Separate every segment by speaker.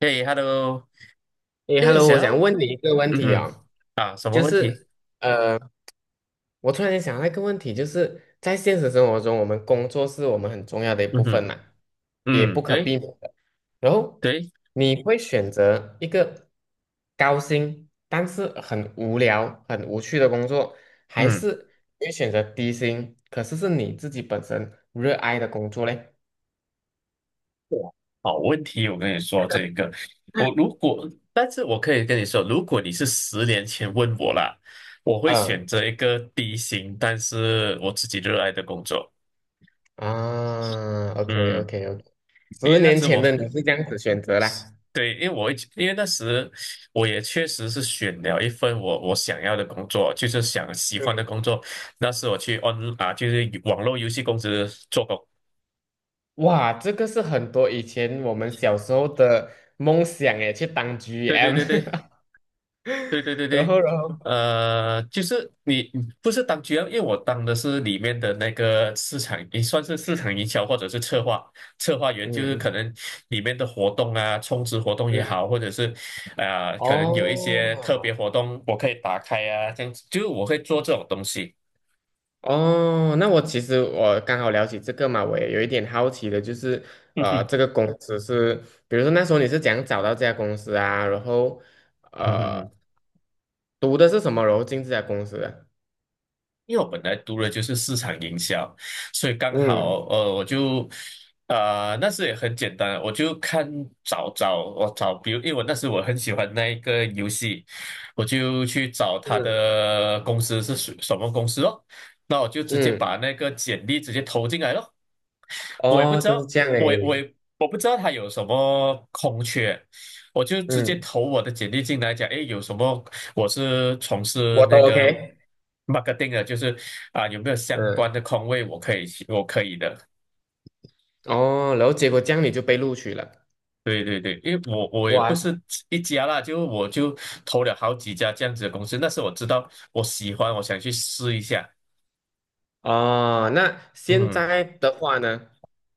Speaker 1: 嘿，hello，
Speaker 2: 诶
Speaker 1: 诶，
Speaker 2: ，Hello，
Speaker 1: 想
Speaker 2: 我想
Speaker 1: 要，
Speaker 2: 问你一个问
Speaker 1: 嗯
Speaker 2: 题
Speaker 1: 哼，
Speaker 2: 哦，
Speaker 1: 啊，什么
Speaker 2: 就
Speaker 1: 问题？
Speaker 2: 是呃，我突然间想到一个问题，就是在现实生活中，我们工作是我们很重要的一部
Speaker 1: 嗯
Speaker 2: 分
Speaker 1: 哼，
Speaker 2: 嘛，也
Speaker 1: 嗯，
Speaker 2: 不可
Speaker 1: 对
Speaker 2: 避免的。然后
Speaker 1: 对，
Speaker 2: 你会选择一个高薪但是很无聊、很无趣的工作，还
Speaker 1: 嗯，
Speaker 2: 是你会选择低薪，可是是你自己本身热爱的工作嘞？
Speaker 1: 好问题，我跟你说这个，我如果，但是我可以跟你说，如果你是十年前问我啦，我会
Speaker 2: 嗯
Speaker 1: 选择一个低薪，但是我自己热爱的工作。
Speaker 2: 啊，OK
Speaker 1: 嗯，
Speaker 2: OK OK，
Speaker 1: 因
Speaker 2: 十
Speaker 1: 为那
Speaker 2: 年
Speaker 1: 时
Speaker 2: 前
Speaker 1: 我，
Speaker 2: 的你是 这样子选择啦。
Speaker 1: 对，因为那时我也确实是选了一份我想要的工作，就是想喜欢的
Speaker 2: 嗯，
Speaker 1: 工作，那时我去 on 啊，就是网络游戏公司做工。
Speaker 2: 哇，这个是很多以前我们小时候的梦想诶，去当
Speaker 1: 对对
Speaker 2: GM，
Speaker 1: 对对对对对
Speaker 2: 然
Speaker 1: 对，
Speaker 2: 后，
Speaker 1: 就是你不是当 GM，因为我当的是里面的那个市场，也算是市场营销或者是策划策划员，
Speaker 2: 嗯
Speaker 1: 就是可
Speaker 2: 嗯
Speaker 1: 能里面的活动啊，充值活动也
Speaker 2: 嗯，
Speaker 1: 好，或者是啊、可能有一些特别
Speaker 2: 哦
Speaker 1: 活动我可以打开啊，这样子，就是我会做这种东西。
Speaker 2: 哦，那我其实我刚好聊起这个嘛，我也有一点好奇的，就是
Speaker 1: 嗯哼，
Speaker 2: 这个公司是，比如说那时候你是怎样找到这家公司啊？然后
Speaker 1: 嗯哼。
Speaker 2: 呃，读的是什么？然后进这家公司的？
Speaker 1: 因为我本来读的就是市场营销，所以刚
Speaker 2: 嗯
Speaker 1: 好我就那时也很简单，我就看找找我找，比如因为我那时我很喜欢那一个游戏，我就去找他
Speaker 2: 嗯
Speaker 1: 的公司是属什么公司咯，那我就直接
Speaker 2: 嗯，
Speaker 1: 把那个简历直接投进来咯。我也不
Speaker 2: 哦，
Speaker 1: 知
Speaker 2: 就是
Speaker 1: 道，
Speaker 2: 这样
Speaker 1: 我也我
Speaker 2: 诶，
Speaker 1: 也我不知道他有什么空缺，我就直接
Speaker 2: 嗯，
Speaker 1: 投我的简历进来讲，哎，有什么？我是从事
Speaker 2: 我都
Speaker 1: 那个
Speaker 2: OK，
Speaker 1: marketing 的，就是啊，有没有相关
Speaker 2: 嗯。
Speaker 1: 的空位我可以去，我可以的。
Speaker 2: 哦，然后结果这样你就被录取了。
Speaker 1: 对对对，因为我也不
Speaker 2: 哇，
Speaker 1: 是一家啦，就我就投了好几家这样子的公司，但是我知道我喜欢，我想去试一下。
Speaker 2: 哦，那现
Speaker 1: 嗯，
Speaker 2: 在的话呢？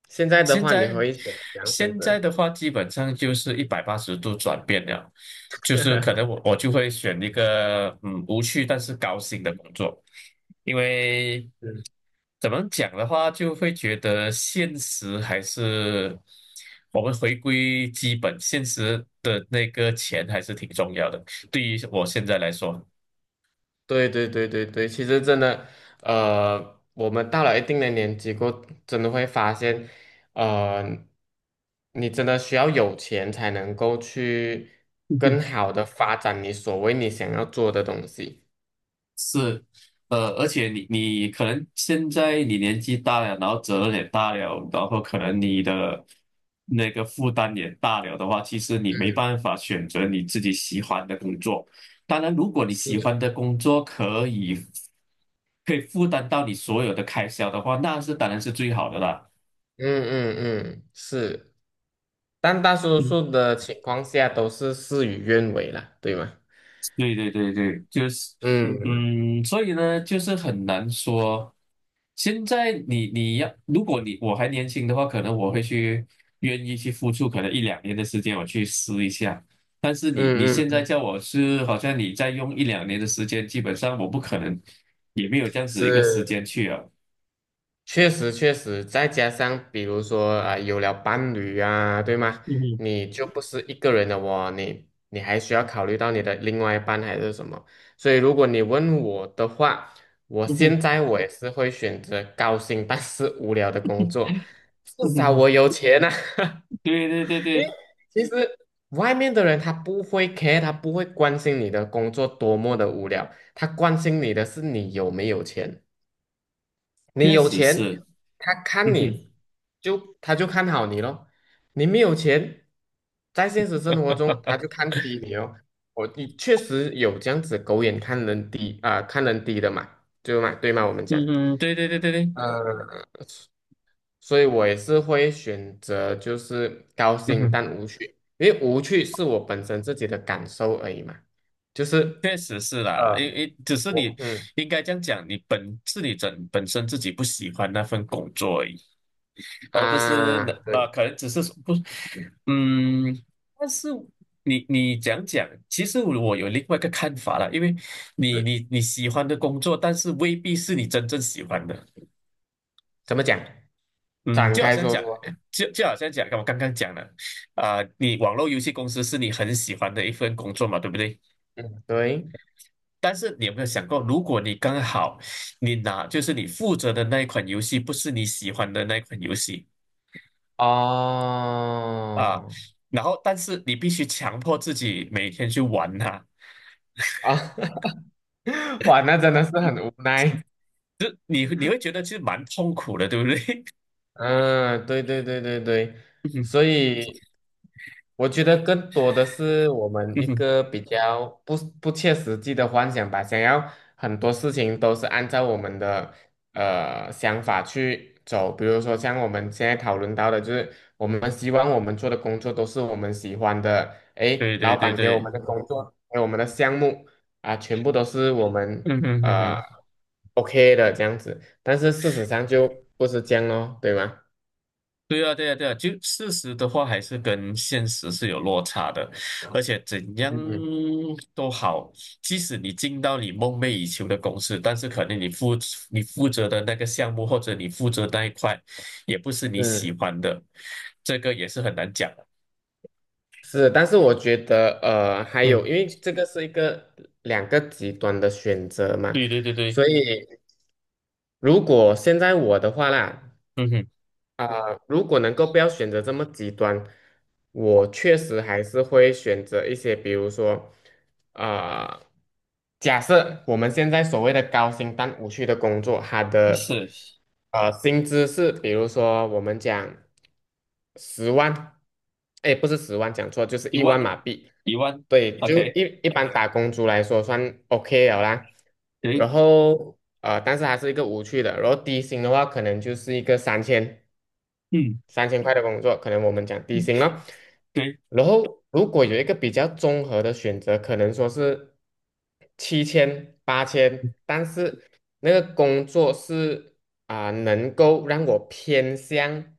Speaker 2: 现在的
Speaker 1: 现
Speaker 2: 话，你
Speaker 1: 在
Speaker 2: 可以选两选
Speaker 1: 现
Speaker 2: 择？
Speaker 1: 在的话，基本上就是一百八十度转变了，就是可能我就会选一个无趣但是高薪的工作。因为
Speaker 2: 嗯
Speaker 1: 怎么讲的话，就会觉得现实还是我们回归基本，现实的那个钱还是挺重要的。对于我现在来说，
Speaker 2: 对对对对对，其实真的，我们到了一定的年纪过后，真的会发现，呃，你真的需要有钱才能够去更好的发展你所谓你想要做的东西。
Speaker 1: 是，而且你可能现在你年纪大了，然后责任也大了，然后可能你的那个负担也大了的话，其实你没办法选择你自己喜欢的工作。当然，如果你
Speaker 2: 是。
Speaker 1: 喜
Speaker 2: 的。
Speaker 1: 欢的工作可以。可以负担到你所有的开销的话，那是当然是最好的啦。
Speaker 2: 嗯嗯嗯，是。但大多
Speaker 1: 嗯
Speaker 2: 数的情况下都是事与愿违了，对吗？
Speaker 1: 对对对对，就是，
Speaker 2: 嗯嗯
Speaker 1: 嗯，所以呢，就是很难说。现在你你要，如果你我还年轻的话，可能我会去愿意去付出，可能一两年的时间我去试一下。但是你你
Speaker 2: 嗯
Speaker 1: 现
Speaker 2: 嗯，
Speaker 1: 在
Speaker 2: 嗯
Speaker 1: 叫我是，好像你再用一两年的时间，基本上我不可能，也没有这样子一个时间
Speaker 2: 是，
Speaker 1: 去啊。
Speaker 2: 确实确实，再加上比如说啊、有了伴侣啊，对吗？
Speaker 1: 嗯哼
Speaker 2: 你就不是一个人的哦，你还需要考虑到你的另外一半还是什么。所以如果你问我的话，我
Speaker 1: 嗯哼
Speaker 2: 现在我也是会选择高薪但是无聊的工作，至
Speaker 1: 嗯
Speaker 2: 少
Speaker 1: 哼。
Speaker 2: 我有钱呐。
Speaker 1: 对对对
Speaker 2: 因为
Speaker 1: 对，
Speaker 2: 其实外面的人他不会 care，他不会关心你的工作多么的无聊，他关心你的是你有没有钱。你
Speaker 1: 确
Speaker 2: 有
Speaker 1: 实
Speaker 2: 钱，
Speaker 1: 是，
Speaker 2: 他看
Speaker 1: 嗯哼。
Speaker 2: 你就他就看好你咯。你没有钱，在现实生活中他 就看低你哦。你确实有这样子狗眼看人低啊、看人低的嘛，对吗？对吗？我们讲。
Speaker 1: 嗯哼，对对对对对，
Speaker 2: 所以我也是会选择就是高
Speaker 1: 嗯
Speaker 2: 兴
Speaker 1: 哼，
Speaker 2: 但无趣，因为无趣是我本身自己的感受而已嘛，就是
Speaker 1: 确实是啦，因
Speaker 2: 呃，
Speaker 1: 因只是
Speaker 2: 我
Speaker 1: 你
Speaker 2: 嗯
Speaker 1: 应该这样讲，你整本身自己不喜欢那份工作而已，而不是那
Speaker 2: 啊，对
Speaker 1: 可能只是说不，嗯，但是你讲讲，其实我有另外一个看法啦，因为你
Speaker 2: 对，
Speaker 1: 你你喜欢的工作，但是未必是你真正喜欢的。
Speaker 2: 怎么讲？
Speaker 1: 嗯，
Speaker 2: 展
Speaker 1: 就好
Speaker 2: 开
Speaker 1: 像
Speaker 2: 说
Speaker 1: 讲，
Speaker 2: 说，
Speaker 1: 就好像讲，我刚刚讲了，啊、你网络游戏公司是你很喜欢的一份工作嘛，对不对？
Speaker 2: 嗯，对，
Speaker 1: 但是你有没有想过，如果你刚好你拿就是你负责的那一款游戏不是你喜欢的那一款游戏啊，
Speaker 2: 哦，
Speaker 1: 然后但是你必须强迫自己每天去玩它，
Speaker 2: 啊，哇，那真的是很无奈，
Speaker 1: 你会觉得其实蛮痛苦的，对不对？
Speaker 2: 嗯，对对对对对，
Speaker 1: 嗯
Speaker 2: 所
Speaker 1: 哼
Speaker 2: 以我觉得更多的是我们
Speaker 1: 嗯
Speaker 2: 一
Speaker 1: 哼，
Speaker 2: 个比较不切实际的幻想吧，想要很多事情都是按照我们的想法去走，比如说像我们现在讨论到的，就是我们希望我们做的工作都是我们喜欢的，诶，
Speaker 1: 对
Speaker 2: 老
Speaker 1: 对对
Speaker 2: 板给我
Speaker 1: 对，
Speaker 2: 们的工作，给我们的项目啊，全部都是我们
Speaker 1: 嗯哼嗯哼嗯
Speaker 2: 呃
Speaker 1: 哼。
Speaker 2: OK 的这样子。但是事实上就不是这样咯，对吗？
Speaker 1: 对啊，对啊，对啊，就事实的话还是跟现实是有落差的，而且怎样
Speaker 2: 嗯
Speaker 1: 都好，即使你进到你梦寐以求的公司，但是可能你负责的那个项目或者你负责那一块，也不是你
Speaker 2: 嗯，
Speaker 1: 喜欢的，这个也是很难讲的。
Speaker 2: 是，但是我觉得还有，
Speaker 1: 嗯，
Speaker 2: 因为这个是一个两个极端的选择嘛，
Speaker 1: 对对对对，
Speaker 2: 所以如果现在我的话啦，
Speaker 1: 嗯哼，
Speaker 2: 啊、如果能够不要选择这么极端，我确实还是会选择一些，比如说，啊、假设我们现在所谓的高薪但无趣的工作，它的
Speaker 1: 是
Speaker 2: 薪资是，比如说我们讲十万，哎，不是十万，讲错，就是
Speaker 1: 一
Speaker 2: 一
Speaker 1: 万
Speaker 2: 万
Speaker 1: 呢，
Speaker 2: 马币，
Speaker 1: 一万
Speaker 2: 对，就
Speaker 1: ，OK，
Speaker 2: 一般打工族来说算 OK 了啦。
Speaker 1: 对，
Speaker 2: 然后但是还是一个无趣的，然后低薪的话，可能就是一个三千。
Speaker 1: 嗯，
Speaker 2: 3000块的工作，可能我们讲低薪了。
Speaker 1: 对，
Speaker 2: 然后如果有一个比较综合的选择，可能说是7000、8000，但是那个工作是啊、能够让我偏向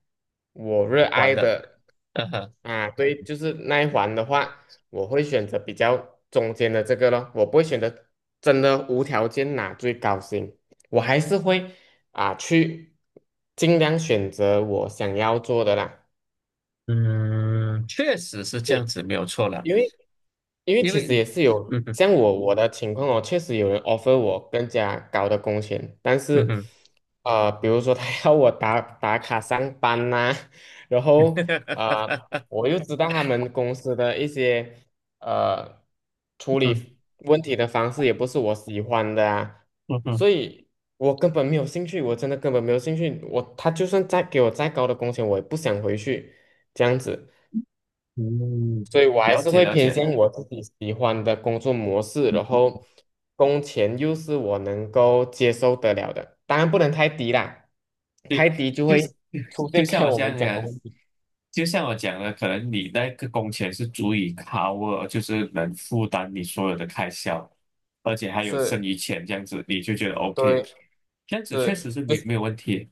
Speaker 2: 我热
Speaker 1: 完
Speaker 2: 爱
Speaker 1: 了，
Speaker 2: 的
Speaker 1: 嗯哼，
Speaker 2: 啊，对，就是那一环的话，我会选择比较中间的这个咯，我不会选择真的无条件拿最高薪，我还是会。啊，去尽量选择我想要做的啦。
Speaker 1: 嗯，确实是这样
Speaker 2: 对，
Speaker 1: 子，没有错了。
Speaker 2: 因为因为
Speaker 1: 因
Speaker 2: 其
Speaker 1: 为，
Speaker 2: 实也是有
Speaker 1: 嗯哼，
Speaker 2: 像我的情况哦，确实有人 offer 我更加高的工钱，但
Speaker 1: 嗯
Speaker 2: 是，
Speaker 1: 哼，
Speaker 2: 比如说他 要我打打卡上班呐、然后呃，我又知道他们公司的一些呃处
Speaker 1: 嗯
Speaker 2: 理问题的方式也不是我喜欢的啊，
Speaker 1: 嗯哼，
Speaker 2: 所以我根本没有兴趣，我真的根本没有兴趣，他就算再给我再高的工钱，我也不想回去这样子。
Speaker 1: 嗯，
Speaker 2: 所以我还
Speaker 1: 了
Speaker 2: 是
Speaker 1: 解
Speaker 2: 会
Speaker 1: 了
Speaker 2: 偏
Speaker 1: 解，
Speaker 2: 向我自己喜欢的工作模式，然后工钱又是我能够接受得了的，当然不能太低啦，太低就
Speaker 1: 就是
Speaker 2: 会出
Speaker 1: 就
Speaker 2: 现 刚
Speaker 1: 像
Speaker 2: 才
Speaker 1: 我
Speaker 2: 我
Speaker 1: 这
Speaker 2: 们
Speaker 1: 样
Speaker 2: 讲的
Speaker 1: 讲，
Speaker 2: 问题。
Speaker 1: 就像我讲的，可能你那个工钱是足以 cover，就是能负担你所有的开销，而且还有剩
Speaker 2: 是，
Speaker 1: 余钱这样子，你就觉得 OK，
Speaker 2: 对，
Speaker 1: 这样子确
Speaker 2: 是，
Speaker 1: 实是
Speaker 2: 就是
Speaker 1: 没有问题。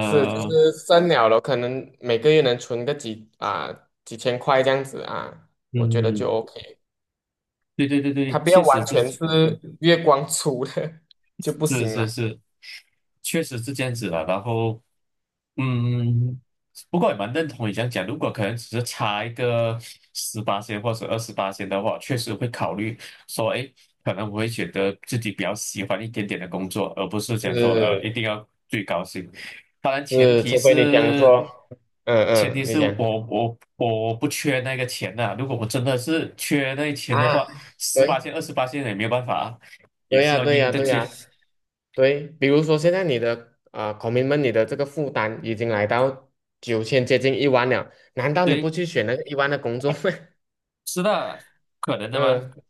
Speaker 2: 剩了，可能每个月能存个几啊、几千块这样子啊，我觉得
Speaker 1: 嗯，
Speaker 2: 就 OK，
Speaker 1: 对对对对，
Speaker 2: 它不要
Speaker 1: 确实
Speaker 2: 完全
Speaker 1: 是
Speaker 2: 是月光族的 就不
Speaker 1: 是
Speaker 2: 行
Speaker 1: 是
Speaker 2: 啦。
Speaker 1: 是，确实是这样子的。然后，嗯，不过也蛮认同你这样讲。如果可能只是差一个十八线或者二十八线的话，确实会考虑说，哎，可能我会选择自己比较喜欢一点点的工作，而不是讲说，
Speaker 2: 是
Speaker 1: 一定要最高薪。当然，前
Speaker 2: 是，
Speaker 1: 提
Speaker 2: 除非你讲
Speaker 1: 是，
Speaker 2: 说，嗯
Speaker 1: 前
Speaker 2: 嗯，
Speaker 1: 提
Speaker 2: 你
Speaker 1: 是
Speaker 2: 讲。
Speaker 1: 我不缺那个钱呐、如果我真的是缺那个钱的
Speaker 2: 啊，
Speaker 1: 话，十八
Speaker 2: 对，
Speaker 1: 线、二十八线也没有办法啊，也
Speaker 2: 对
Speaker 1: 是
Speaker 2: 呀，
Speaker 1: 要
Speaker 2: 对
Speaker 1: 应
Speaker 2: 呀，
Speaker 1: 着
Speaker 2: 对
Speaker 1: 贴。
Speaker 2: 呀，对。比如说，现在你的啊，c o m 你的这个负担已经来到9000，接近一万了，难道你不
Speaker 1: 对，
Speaker 2: 去选那个一万的工作吗？
Speaker 1: 是的，可能 的吗？
Speaker 2: 嗯，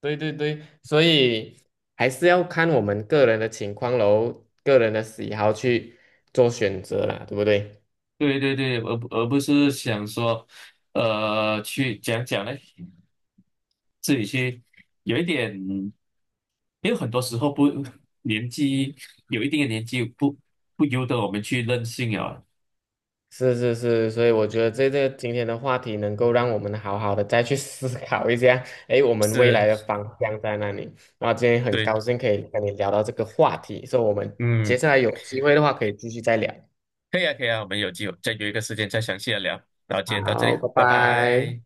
Speaker 2: 对对对，所以还是要看我们个人的情况喽，个人的喜好去做选择啦，对不对？
Speaker 1: 对对对，而不是想说，去讲讲呢，自己去有一点，因为很多时候不年纪有一定的年纪不由得我们去任性啊。
Speaker 2: 是是是，所以我觉得这个今天的话题能够让我们好好的再去 思考一下，诶，我们未
Speaker 1: 是，
Speaker 2: 来的方向在哪里？然后今天很
Speaker 1: 对，
Speaker 2: 高兴可以跟你聊到这个话题，所以我们
Speaker 1: 嗯，
Speaker 2: 接下来有机会的话可以继续再聊。
Speaker 1: 可以啊，可以啊，我们有机会再约一个时间再详细的聊。然后今天到这里
Speaker 2: 好，
Speaker 1: 啊，
Speaker 2: 拜
Speaker 1: 拜
Speaker 2: 拜。
Speaker 1: 拜。